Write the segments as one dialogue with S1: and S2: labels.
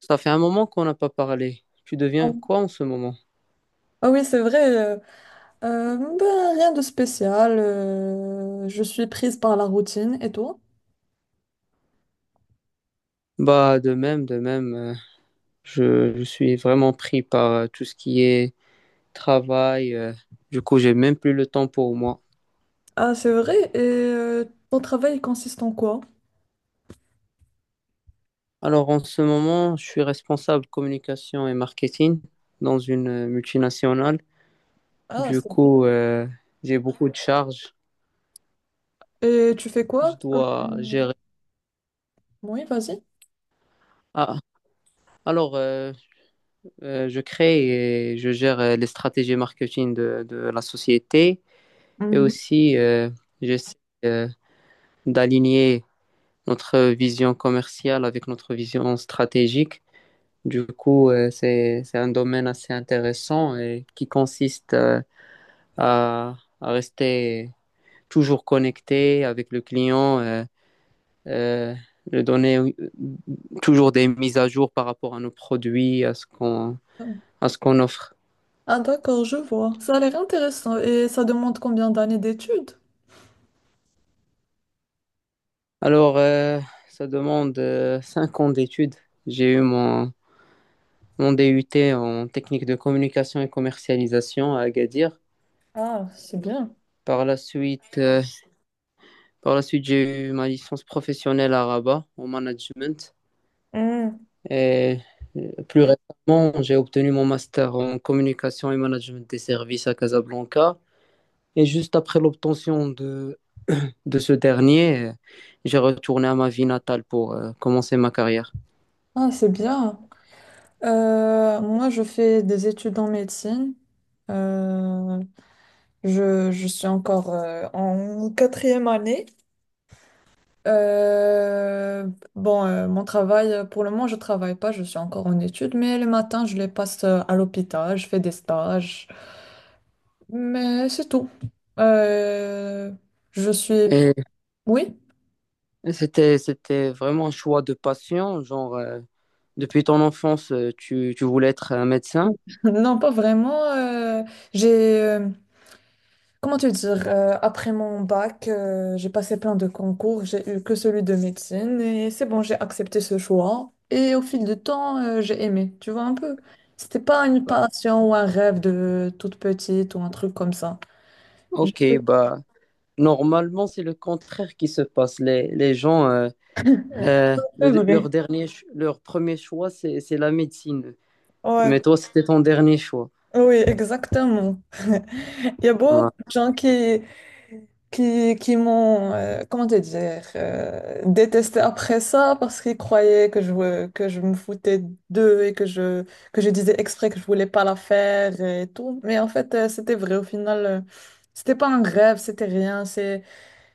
S1: Ça fait un moment qu'on n'a pas parlé. Tu
S2: Ah
S1: deviens quoi en ce moment?
S2: oui, c'est vrai. Ben, rien de spécial. Je suis prise par la routine. Et toi?
S1: Bah, de même, de même. Je suis vraiment pris par tout ce qui est travail. Du coup, j'ai même plus le temps pour moi.
S2: Ah, c'est vrai. Et ton travail il consiste en quoi?
S1: Alors, en ce moment, je suis responsable communication et marketing dans une multinationale.
S2: Ah,
S1: Du
S2: c'est bien.
S1: coup, j'ai beaucoup de charges.
S2: Et tu fais
S1: Je
S2: quoi?
S1: dois gérer.
S2: Oui, vas-y.
S1: Ah, alors, je crée et je gère les stratégies marketing de la société. Et aussi, j'essaie euh, d'aligner notre vision commerciale avec notre vision stratégique. Du coup, c'est un domaine assez intéressant et qui consiste à rester toujours connecté avec le client, euh, lui donner toujours des mises à jour par rapport à nos produits, à
S2: Mhm.
S1: à ce qu'on offre.
S2: Ah, d'accord, je vois. Ça a l'air intéressant. Et ça demande combien d'années d'études?
S1: Alors, ça demande 5 ans d'études. J'ai eu mon DUT en technique de communication et commercialisation à Agadir.
S2: Ah, c'est bien.
S1: Par la suite, j'ai eu ma licence professionnelle à Rabat en management.
S2: Hmm.
S1: Et plus récemment, j'ai obtenu mon master en communication et management des services à Casablanca. Et juste après l'obtention de, de ce dernier, j'ai retourné à ma ville natale pour commencer ma carrière.
S2: Ah, c'est bien. Moi, je fais des études en médecine. Euh, je suis encore en quatrième année. Euh, bon, mon travail, pour le moment, je travaille pas, je suis encore en études, mais le matin, je les passe à l'hôpital, je fais des stages, mais c'est tout. Euh, je suis...
S1: Et
S2: Oui?
S1: c'était vraiment un choix de passion, genre. Depuis ton enfance, tu voulais être un médecin?
S2: Non, pas vraiment. J'ai, euh, Comment te dire, après mon bac, j'ai passé plein de concours, j'ai eu que celui de médecine et c'est bon, j'ai accepté ce choix. Et au fil du temps, j'ai aimé, tu vois un peu. C'était pas une passion ou un rêve de toute petite ou un truc comme ça. J'ai
S1: Ok, bah normalement c'est le contraire qui se passe. Les gens,
S2: fait vrai.
S1: leur leur premier choix c'est la médecine.
S2: Ouais,
S1: Mais toi c'était ton dernier choix.
S2: oui, exactement. Il y a beaucoup
S1: Ouais.
S2: de gens qui, qui m'ont, comment te dire, détesté après ça parce qu'ils croyaient que je me foutais d'eux et que je disais exprès que je voulais pas la faire et tout. Mais en fait, c'était vrai. Au final, c'était pas un rêve, c'était rien. c'est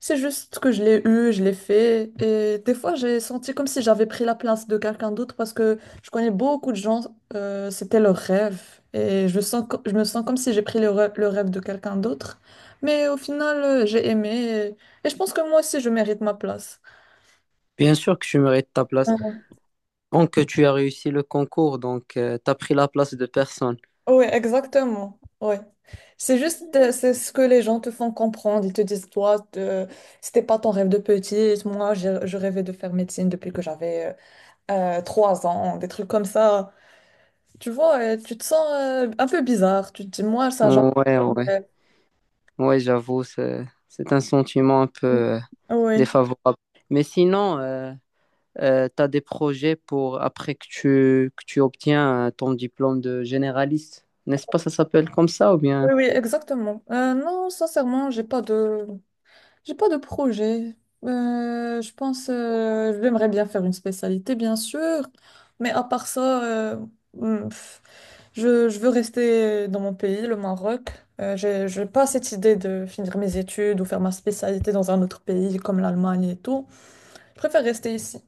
S2: c'est juste que je l'ai eu, je l'ai fait. Et des fois, j'ai senti comme si j'avais pris la place de quelqu'un d'autre parce que je connais beaucoup de gens, c'était leur rêve. Et je me sens comme si j'ai pris le rêve de quelqu'un d'autre. Mais au final, j'ai aimé. Et je pense que moi aussi, je mérite ma place.
S1: Bien sûr que tu mérites ta place. Donc tu as réussi le concours, donc tu as pris la place de personne.
S2: Oui, exactement. Ouais. C'est juste, c'est ce que les gens te font comprendre. Ils te disent, toi, c'était pas ton rêve de petite. Moi, je rêvais de faire médecine depuis que j'avais trois ans, des trucs comme ça. Tu vois, tu te sens un peu bizarre. Tu te dis, moi, ça, jamais.
S1: Ouais, ouais,
S2: Fait.
S1: ouais, j'avoue, c'est un sentiment un peu
S2: Oui, oui,
S1: défavorable. Mais sinon, tu as des projets pour après que que tu obtiens ton diplôme de généraliste. N'est-ce pas, ça s'appelle comme ça ou bien?
S2: oui, exactement. Non, sincèrement, j'ai pas de projet. Je pense, j'aimerais bien faire une spécialité, bien sûr, mais à part ça, hmm, pff, je veux rester dans mon pays, le Maroc. J'ai pas cette idée de finir mes études ou faire ma spécialité dans un autre pays comme l'Allemagne et tout. Je préfère rester ici.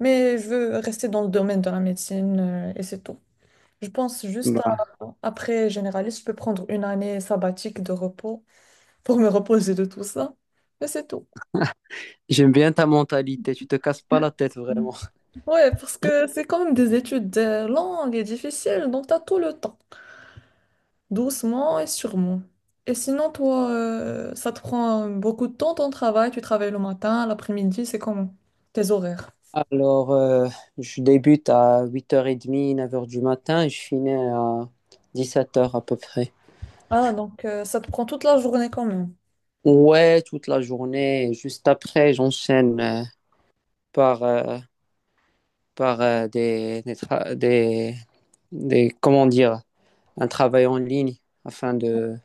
S2: Mais je veux rester dans le domaine de la médecine et c'est tout. Je pense juste à,
S1: Bah,
S2: après généraliste, je peux prendre une année sabbatique de repos pour me reposer de tout ça. Mais c'est tout.
S1: j'aime bien ta mentalité, tu te casses pas la tête vraiment.
S2: Ouais, parce que c'est quand même des études longues et difficiles, donc t'as tout le temps, doucement et sûrement. Et sinon, toi, ça te prend beaucoup de temps ton travail, tu travailles le matin, l'après-midi, c'est comment? Tes horaires.
S1: Alors, je débute à 8h30, 9 heures du matin et je finis à 17 heures à peu près.
S2: Ah, donc ça te prend toute la journée quand même.
S1: Ouais, toute la journée. Et juste après, j'enchaîne par, euh, par comment dire, un travail en ligne afin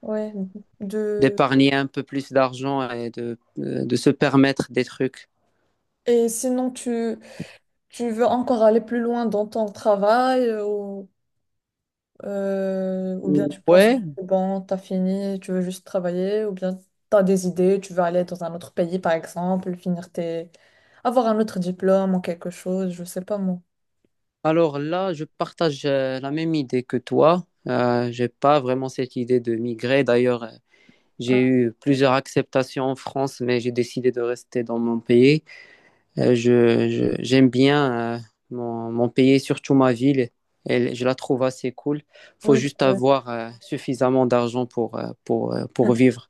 S2: Ouais. De...
S1: d'épargner un peu plus d'argent et de se permettre des trucs.
S2: Et sinon, tu veux encore aller plus loin dans ton travail ou bien tu penses que
S1: Ouais,
S2: c'est bon, t'as fini, tu veux juste travailler ou bien t'as des idées, tu veux aller dans un autre pays par exemple, finir tes... avoir un autre diplôme ou quelque chose, je sais pas moi.
S1: alors là, je partage la même idée que toi. J'ai pas vraiment cette idée de migrer. D'ailleurs, j'ai
S2: Ah,
S1: eu plusieurs acceptations en France, mais j'ai décidé de rester dans mon pays. J'aime bien mon pays, surtout ma ville. Je la trouve assez cool. Faut
S2: oui,
S1: juste
S2: c'est vrai.
S1: avoir suffisamment d'argent pour vivre.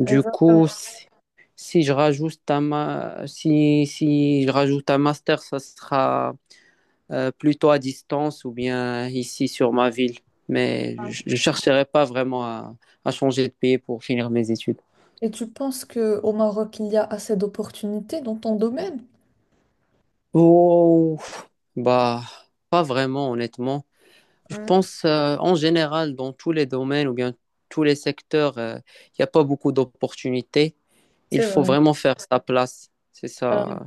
S1: Du
S2: Exactement.
S1: coup, si je rajoute un ma- si, si je rajoute un master, ça sera plutôt à distance ou bien ici sur ma ville. Mais je ne chercherai pas vraiment à changer de pays pour finir mes études.
S2: Et tu penses que au Maroc, il y a assez d'opportunités dans ton domaine?
S1: Oh, bah, pas vraiment, honnêtement. Je
S2: Hmm,
S1: pense en général, dans tous les domaines ou bien tous les secteurs, il n'y a pas beaucoup d'opportunités. Il
S2: C'est
S1: faut
S2: vrai.
S1: vraiment faire sa place. C'est
S2: Euh,
S1: ça,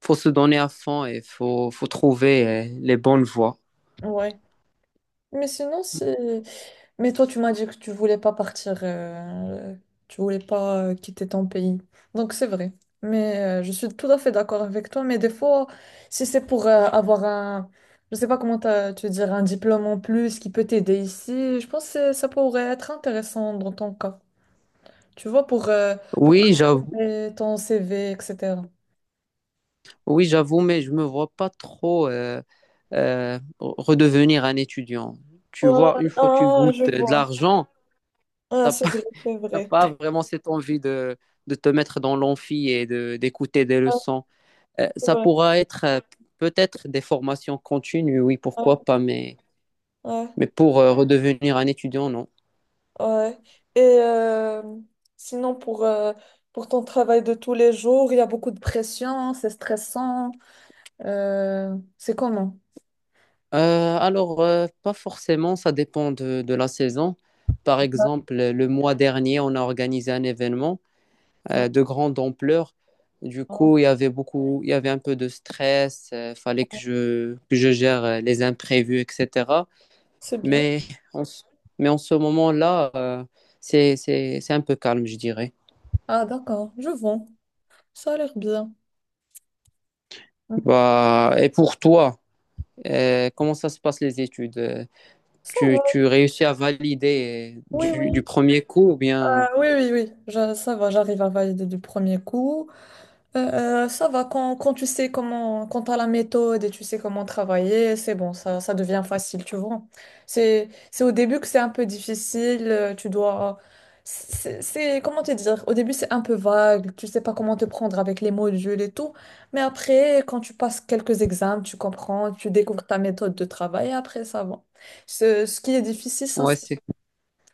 S1: faut se donner à fond et faut trouver les bonnes voies.
S2: ouais. Mais sinon, si, Mais toi, tu m'as dit que tu voulais pas partir, tu voulais pas quitter ton pays. Donc c'est vrai. Mais je suis tout à fait d'accord avec toi. Mais des fois, si c'est pour avoir un, je sais pas comment te dire, un diplôme en plus qui peut t'aider ici, je pense que ça pourrait être intéressant dans ton cas. Tu vois, pour
S1: Oui, j'avoue,
S2: améliorer ton CV, etc.
S1: oui, j'avoue, mais je me vois pas trop redevenir un étudiant. Tu
S2: Ouais,
S1: vois, une fois que tu
S2: ah, je
S1: goûtes de
S2: vois.
S1: l'argent,
S2: Ah,
S1: t'as
S2: c'est
S1: pas,
S2: vrai, c'est
S1: t'as
S2: vrai.
S1: pas vraiment cette envie de te mettre dans l'amphi et d'écouter des
S2: Ah,
S1: leçons.
S2: c'est
S1: Ça
S2: vrai.
S1: pourra être peut-être des formations continues, oui,
S2: Ouais,
S1: pourquoi pas,
S2: ouais.
S1: mais pour redevenir un étudiant, non.
S2: Ouais. Et sinon, pour ton travail de tous les jours, il y a beaucoup de pression, c'est stressant. C'est comment?
S1: Alors, pas forcément, ça dépend de la saison. Par exemple, le mois dernier, on a organisé un événement
S2: Ouais.
S1: de grande ampleur. Du coup, il y avait un peu de stress, il fallait que que je gère les imprévus, etc.
S2: C'est bien.
S1: Mais en, ce- mais en ce moment-là, c'est un peu calme, je dirais.
S2: Ah, d'accord, je vois. Ça a l'air bien.
S1: Bah, et pour toi, comment ça se passe les études?
S2: Ça va.
S1: Tu réussis à valider
S2: Oui,
S1: du
S2: oui.
S1: premier coup ou bien...
S2: Ah, oui, oui, oui. Ça va, j'arrive à valider du premier coup. Ça va quand tu sais comment, quand t'as la méthode et tu sais comment travailler, c'est bon, ça devient facile, tu vois. C'est au début que c'est un peu difficile, tu dois, c'est- comment te dire, au début c'est un peu vague, tu sais pas comment te prendre avec les modules et tout, mais après, quand tu passes quelques examens, tu comprends, tu découvres ta méthode de travail et après ça va. Ce qui est difficile, ça,
S1: Ouais,
S2: c'est
S1: c'est...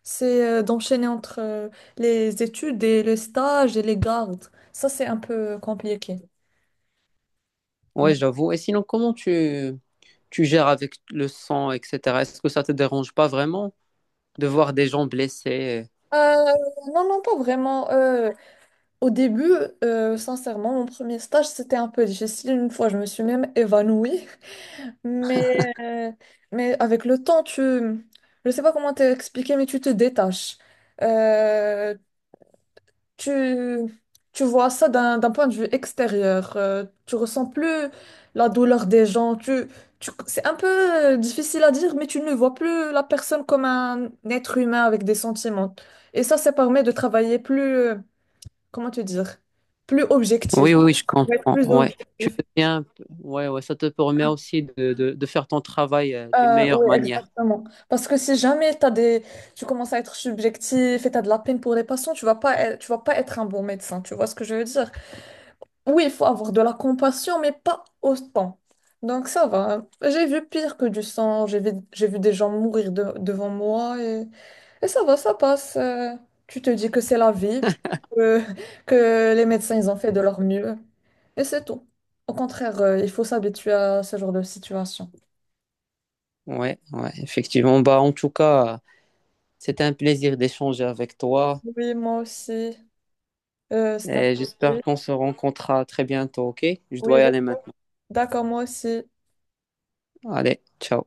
S2: c'est, euh, d'enchaîner entre les études et le stage et les gardes. Ça, c'est un peu compliqué.
S1: ouais,
S2: Non.
S1: j'avoue. Et sinon, comment tu... tu gères avec le sang, etc. Est-ce que ça te dérange pas vraiment de voir des gens blessés?
S2: Euh, non, non, pas vraiment. Au début, sincèrement, mon premier stage, c'était un peu difficile. Une fois, je me suis même évanouie. Mais, euh, mais avec le temps, tu... Je sais pas comment t'expliquer, mais tu te détaches. Euh, tu, tu vois ça d'un point de vue extérieur. Tu ressens plus la douleur des gens. C'est un peu difficile à dire, mais tu ne vois plus la personne comme un être humain avec des sentiments. Et ça permet de travailler plus, comment te dire, plus objectif.
S1: Oui, oui, je
S2: Pour être
S1: comprends.
S2: plus
S1: Ouais. Tu
S2: objectif.
S1: deviens... un peu... Ouais, ouais, ça te permet aussi de faire ton travail d'une meilleure
S2: Oui,
S1: manière.
S2: exactement. Parce que si jamais t'as des... tu commences à être subjectif et tu as de la peine pour les patients, tu vas pas être un bon médecin. Tu vois ce que je veux dire? Oui, il faut avoir de la compassion, mais pas autant. Donc ça va, hein. J'ai vu pire que du sang, j'ai vu des gens mourir devant moi et ça va, ça passe. Tu te dis que c'est la vie, que, que les médecins, ils ont fait de leur mieux et c'est tout. Au contraire, il faut s'habituer à ce genre de situation.
S1: Ouais, ouais, effectivement. Bah, en tout cas, c'était un plaisir d'échanger avec toi.
S2: Oui, moi aussi. C'est un
S1: Et j'espère
S2: peu...
S1: qu'on se rencontrera très bientôt, ok? Je
S2: Oui,
S1: dois y aller
S2: j'espère.
S1: maintenant.
S2: D'accord, moi aussi.
S1: Allez, ciao.